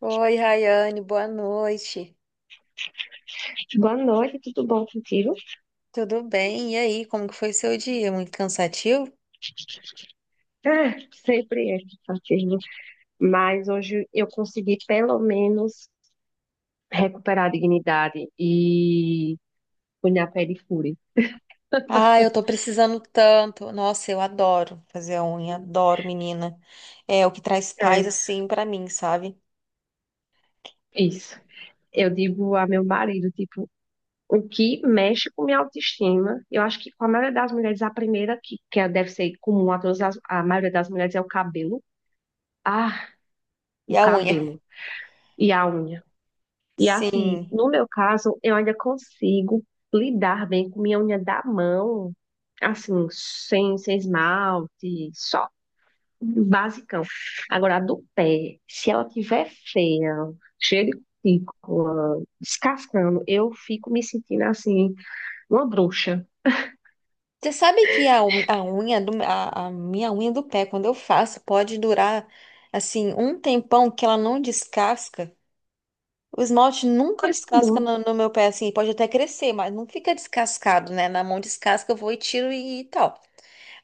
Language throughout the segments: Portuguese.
Oi, Rayane, boa noite. Boa noite, tudo bom contigo? Tudo bem? E aí, como que foi seu dia? Muito cansativo? Ah, sempre é cansativo, mas hoje eu consegui pelo menos recuperar a dignidade e fui na pedicure. Ah, eu tô precisando tanto. Nossa, eu adoro fazer a unha, adoro, menina. É o que traz paz É, assim pra mim, sabe? isso. Eu digo a meu marido, tipo, o que mexe com minha autoestima, eu acho que com a maioria das mulheres, a primeira que é, deve ser comum a todas as, a maioria das mulheres é o cabelo. Ah, E o a unha? cabelo e a unha. E assim, Sim. no meu caso, eu ainda consigo lidar bem com minha unha da mão, assim, sem esmalte, só basicão. Agora, a do pé, se ela tiver feia, cheia de cutícula, descascando, eu fico me sentindo assim, uma bruxa. Você sabe que a unha a minha unha do pé, quando eu faço, pode durar assim um tempão que ela não descasca. O esmalte nunca Coisa descasca boa. no meu pé, assim, pode até crescer, mas não fica descascado, né? Na mão descasca, eu vou e tiro e tal.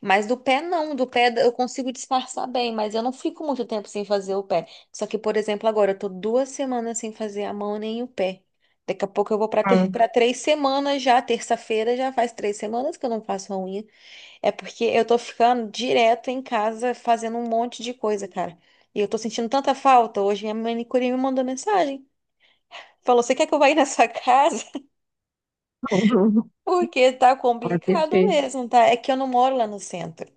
Mas do pé não, do pé eu consigo disfarçar bem, mas eu não fico muito tempo sem fazer o pé. Só que, por exemplo, agora eu tô 2 semanas sem fazer a mão nem o pé. Daqui a pouco eu vou Ah, para 3 semanas já, terça-feira já faz 3 semanas que eu não faço a unha. É porque eu tô ficando direto em casa fazendo um monte de coisa, cara. E eu tô sentindo tanta falta. Hoje minha manicure me mandou mensagem. Falou, você quer que eu vá ir na sua casa? Porque tá ah, complicado perfeito. mesmo, tá? É que eu não moro lá no centro.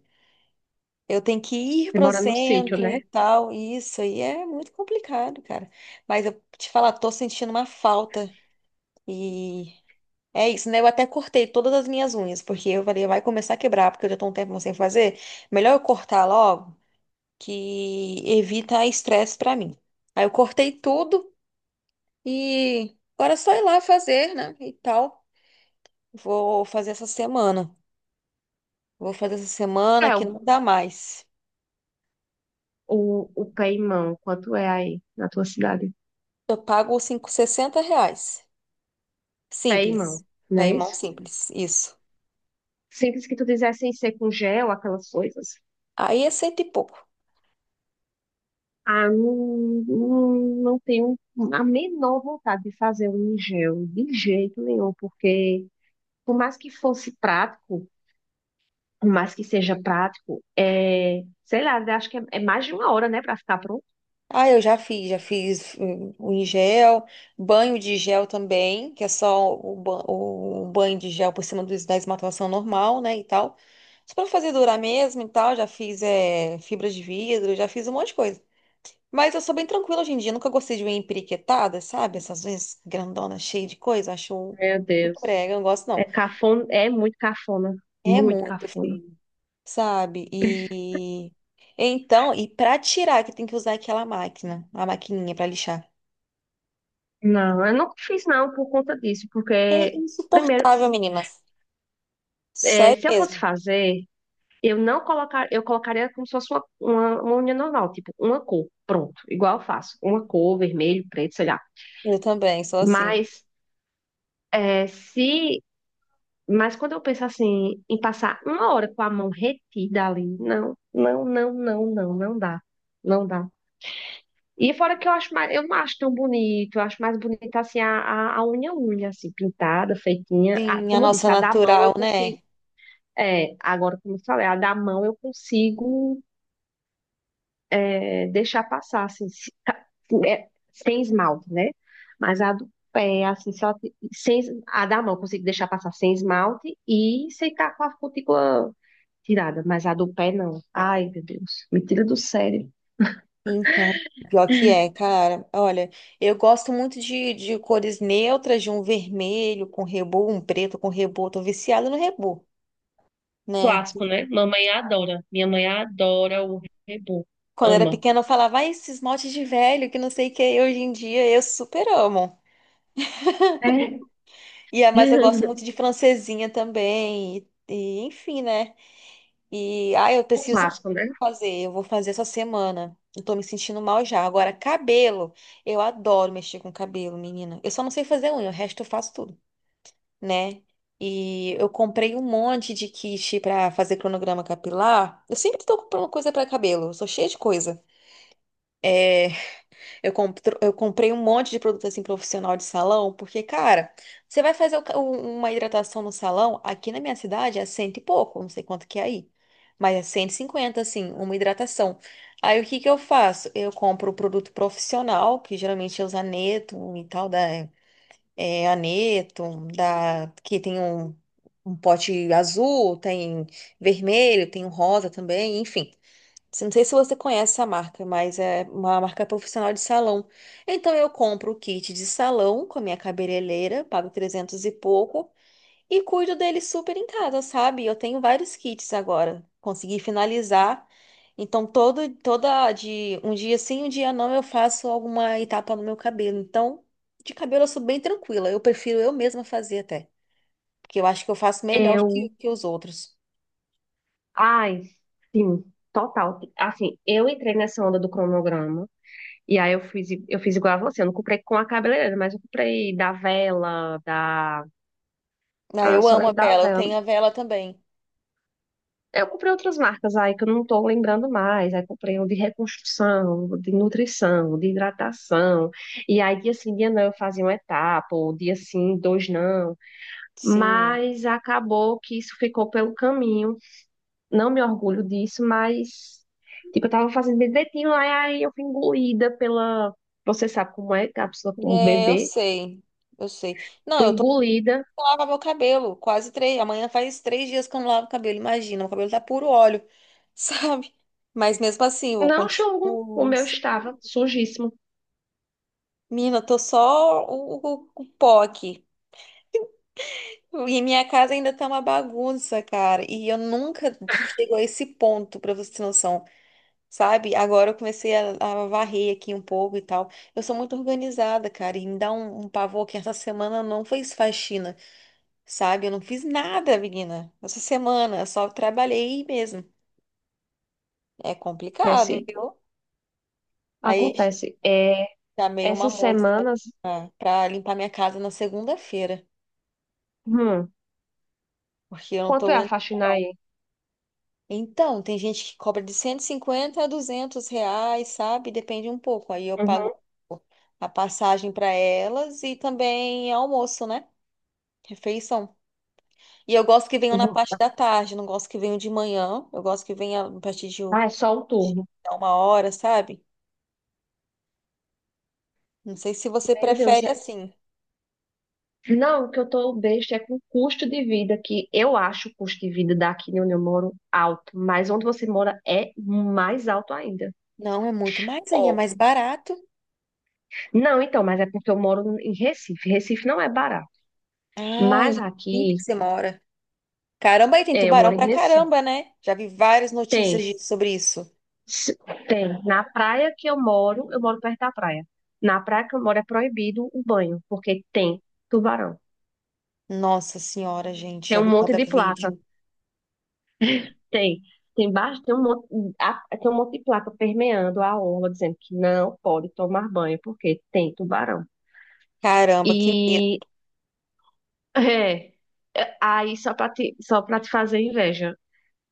Eu tenho que ir Você pro mora no sítio, centro e né? tal. E isso aí é muito complicado, cara. Mas eu te falar, tô sentindo uma falta. E é isso, né? Eu até cortei todas as minhas unhas, porque eu falei, vai começar a quebrar, porque eu já tô um tempo sem fazer. Melhor eu cortar logo, que evita estresse pra mim. Aí eu cortei tudo e agora é só ir lá fazer, né? E tal. Vou fazer essa semana. Vou fazer essa semana É, que o, não dá mais. o, o pé e mão, quanto é aí na tua cidade? Eu pago R$ 60. Pé e Simples. mão, não é Paymão isso? simples. Isso. Simples que tu dissesse ser com gel, aquelas coisas. Aí é cento e pouco. Ah, não, não, não tenho a menor vontade de fazer um em gel, de jeito nenhum, porque por mais que fosse prático, por mais que seja prático, é, sei lá, acho que é mais de uma hora, né, pra ficar pronto. Ah, eu já fiz o em gel, banho de gel também, que é só o banho de gel por cima dos da esmaltação normal, né, e tal. Só pra fazer durar mesmo e tal, já fiz fibra de vidro, já fiz um monte de coisa. Mas eu sou bem tranquila hoje em dia. Eu nunca gostei de unha empiriquetada, sabe? Essas unhas grandonas, cheias de coisa. Acho Meu muito Deus. brega, eu não gosto É não. cafona, é muito cafona, É muito muito cafona. feio, sabe? E então, pra tirar, que tem que usar aquela máquina, a maquininha pra lixar. Não, eu não fiz não por conta disso, É porque primeiro, insuportável, menina. é, Sério se eu fosse mesmo. fazer Eu não colocar, eu colocaria como se fosse uma unha normal, tipo uma cor, pronto, igual eu faço, uma cor, vermelho, preto, sei lá. Eu também, sou assim. Mas é, se, mas quando eu penso assim em passar uma hora com a mão retida ali, não, não, não, não, não, não dá, não dá. E fora que eu acho mais, eu não acho tão bonito, eu acho mais bonita assim a unha assim pintada, feitinha. A- Sim, a como eu nossa disse, a da mão natural, eu consigo, né? é, agora como eu falei, a da mão eu consigo deixar passar, assim, tá, é, sem esmalte, né? Mas a do pé, assim, só te- sem, es- a da mão eu consigo deixar passar sem esmalte e secar com a cutícula tirada, mas a do pé não. Ai, meu Deus, me tira do sério. Então, pior que é, cara. Olha, eu gosto muito de cores neutras, de um vermelho com rebô, um preto com rebô. Tô viciada no rebô, né? Clássico, né? Mamãe adora. Minha mãe adora o rebu. Quando era Ama. pequena, eu falava, ai, esse esmalte de velho, que não sei o que. É." Hoje em dia, eu super amo. É. Mas eu gosto muito de francesinha também. E, enfim, né? E, ai, eu O preciso clássico, né? fazer. Eu vou fazer essa semana. Eu tô me sentindo mal já. Agora, cabelo. Eu adoro mexer com cabelo, menina. Eu só não sei fazer unha. O resto eu faço tudo, né? E eu comprei um monte de kit pra fazer cronograma capilar. Eu sempre tô comprando coisa pra cabelo, eu sou cheia de coisa. É, eu comprei um monte de produto assim profissional de salão, porque, cara, você vai fazer uma hidratação no salão, aqui na minha cidade é cento e pouco, não sei quanto que é aí, mas é 150 assim, uma hidratação. Aí o que que eu faço? Eu compro o produto profissional, que geralmente é o Zaneto e tal, da é, aneto, da, que tem um pote azul, tem vermelho, tem um rosa também, enfim. Não sei se você conhece essa marca, mas é uma marca profissional de salão. Então eu compro o kit de salão com a minha cabeleireira, pago 300 e pouco, e cuido dele super em casa, sabe? Eu tenho vários kits agora. Consegui finalizar. Então, toda de um dia sim, um dia não, eu faço alguma etapa no meu cabelo. Então, de cabelo eu sou bem tranquila. Eu prefiro eu mesma fazer até. Porque eu acho que eu faço melhor do que, Eu, que os outros. ai, sim, total. Assim, eu entrei nessa onda do cronograma. E aí eu fiz igual a você. Eu não comprei com a cabeleireira, mas eu comprei da Vela, da. Ah, Ah, eu só amo a lembro da vela, eu Vela. tenho a vela também. Eu comprei outras marcas aí que eu não tô lembrando mais. Aí comprei um de reconstrução, um de nutrição, um de hidratação. E aí dia sim, dia não, eu fazia uma etapa, ou dia sim, dois não. Sim. Mas acabou que isso ficou pelo caminho. Não me orgulho disso, mas. Tipo, eu tava fazendo direitinho, aí eu fui engolida pela. Você sabe como é cápsula com o É, eu bebê. sei. Eu sei. Não, Fui engolida. eu lavo meu cabelo. Quase três. Amanhã faz 3 dias que eu não lavo o cabelo. Imagina, o cabelo tá puro óleo, sabe? Mas mesmo assim, eu Não julgo, o continuo. meu estava sujíssimo. Mina, eu tô só o pó aqui. E minha casa ainda tá uma bagunça, cara. E eu nunca chego a esse ponto, pra você ter noção, sabe? Agora eu comecei a varrer aqui um pouco e tal. Eu sou muito organizada, cara. E me dá um pavor que essa semana não foi faxina, sabe? Eu não fiz nada, menina, essa semana, eu só trabalhei mesmo. É complicado, Acontece, viu? Aí acontece. É, chamei uma essas moça semanas, pra limpar minha casa na segunda-feira, hum, porque eu não tô quanto é a aguentando, faxina não. aí? Então, tem gente que cobra de R$ 150 a R$ 200, sabe? Depende um pouco. Aí eu pago Uhum. a passagem para elas e também almoço, né? Refeição. E eu gosto que venham Eu na vou, parte da tarde, não gosto que venham de manhã. Eu gosto que venha a partir Ah, é só um turno. de 1 hora, sabe? Não sei se você Meu Deus, prefere assim. não, o que eu tô besta é com o custo de vida, que eu acho o custo de vida daqui onde eu moro alto, mas onde você mora é mais alto ainda. Não, é muito mais aí, é Ó, mais barato. não, então, mas é porque eu moro em Recife. Recife não é barato. Ah, em Mas Recife aqui, que você mora. Caramba, aí tem eu tubarão moro em pra Recife. caramba, né? Já vi várias notícias Tem. Sobre isso. Se- Tem. Na praia que eu moro perto da praia. Na praia que eu moro é proibido o banho, porque tem tubarão. Nossa Senhora, gente, Tem já um vi monte cada de placa. vídeo. Tem. Tem baixo, tem um monte, tem um monte de placa permeando a orla, dizendo que não pode tomar banho, porque tem tubarão. Caramba, que medo. E é, aí só para te fazer inveja.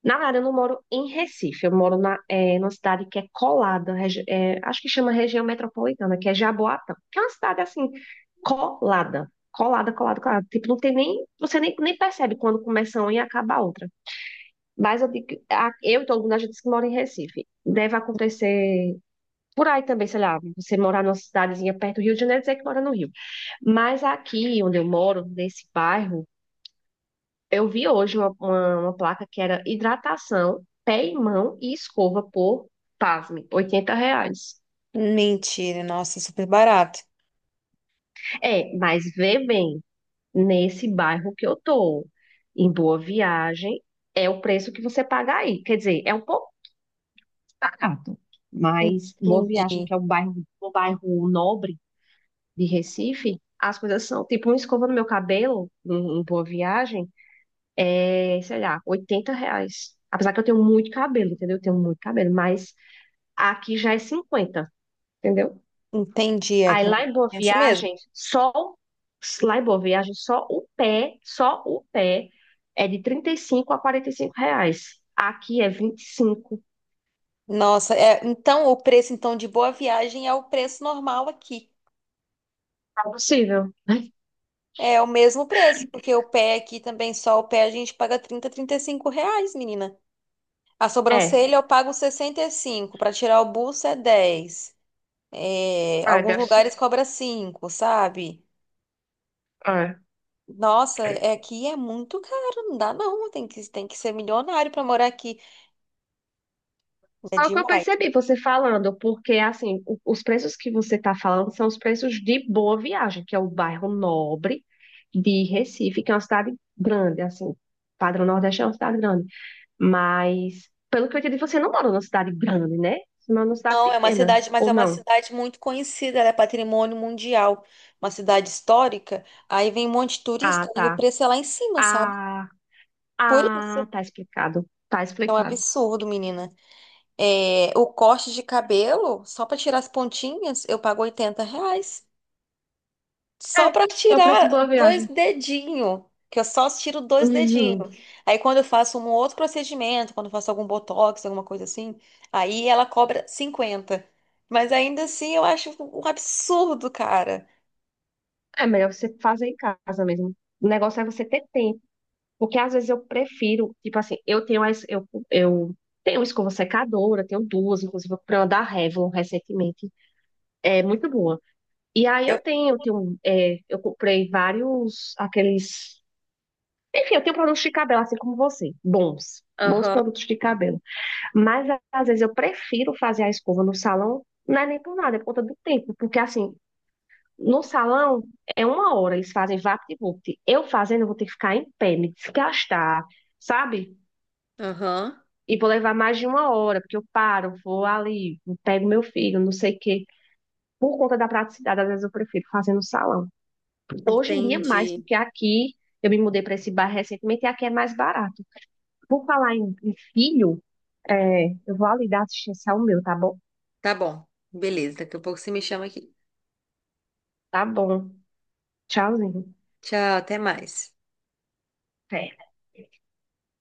Na verdade, eu não moro em Recife, eu moro numa cidade que é colada, acho que chama região metropolitana, que é Jaboatão, que é uma cidade assim, colada, colada, colada, colada. Tipo, não tem nem, você nem, nem percebe quando começa uma e acaba a outra. Mas eu, eu e todo mundo, a gente que mora em Recife. Deve acontecer por aí também, sei lá, você morar numa cidadezinha perto do Rio de Janeiro, dizer que mora no Rio. Mas aqui onde eu moro, nesse bairro, eu vi hoje uma placa que era hidratação, pé e mão e escova por, pasme, R$ 80. Mentira, nossa, é super barato. É, mas vê bem, nesse bairro que eu tô, em Boa Viagem, é o preço que você paga aí. Quer dizer, é um pouco barato, mas Boa Viagem, Entendi, que é um bairro nobre de Recife, as coisas são, tipo, uma escova no meu cabelo, em Boa Viagem, é, sei lá, R$ 80. Apesar que eu tenho muito cabelo, entendeu? Eu tenho muito cabelo, mas aqui já é 50, entendeu? entendi, Aí tem uma lá em Boa diferença mesmo. Viagem, só o pé é de R$ 35 a R$ 45. Aqui é 25. Nossa, então o preço então de Boa Viagem é o preço normal aqui. Tá possível? É o mesmo preço, porque o pé aqui também, só o pé a gente paga R$ 30, R$ 35, menina. A É. sobrancelha eu pago 65, para tirar o buço é 10. É, É, alguns deve lugares ser. cobra 5, sabe? É. Nossa, aqui é muito caro, não dá não, tem que ser milionário para morar aqui. É Só o que eu demais. percebi você falando, porque assim, os preços que você está falando são os preços de Boa Viagem, que é o bairro nobre de Recife, que é uma cidade grande, assim. Padrão Nordeste é uma cidade grande. Mas, pelo que eu entendi, você não mora numa cidade grande, né? Você mora numa cidade Não, é uma pequena, cidade, mas é ou uma não? cidade muito conhecida, ela é patrimônio mundial, uma cidade histórica. Aí vem um monte de turista Ah, e o tá. preço é lá em cima, sabe? Ah, Por isso ah, tá explicado. Tá é um explicado. absurdo, menina. O corte de cabelo, só para tirar as pontinhas, eu pago R$ 80. Só É, para eu preço tirar boa dois viagem. dedinhos, que eu só tiro dois dedinhos. Uhum. Aí quando eu faço um outro procedimento, quando eu faço algum botox, alguma coisa assim, aí ela cobra 50. Mas ainda assim eu acho um absurdo, cara. É melhor você fazer em casa mesmo. O negócio é você ter tempo. Porque às vezes eu prefiro, tipo assim, eu tenho escova secadora, tenho duas, inclusive eu comprei uma da Revlon recentemente. É muito boa. E aí Eu- eu comprei vários aqueles. Enfim, eu tenho produtos de cabelo, assim como você, bons, bons Aham, produtos de cabelo. Mas às vezes eu prefiro fazer a escova no salão, não é nem por nada, é por conta do tempo, porque assim, no salão é uma hora, eles fazem vapt-vupt. Eu fazendo, eu vou ter que ficar em pé, me desgastar, sabe? aham, E vou levar mais de uma hora, porque eu paro, vou ali, pego meu filho, não sei o quê. Por conta da praticidade, às vezes eu prefiro fazer no salão. Hoje em dia, é mais, entendi. porque aqui eu me mudei para esse bairro recentemente e aqui é mais barato. Por falar em filho, eu vou ali dar assistência ao meu, tá bom? Tá bom, beleza. Daqui a pouco você me chama aqui. Tá bom. Tchauzinho. Tchau, até mais. É.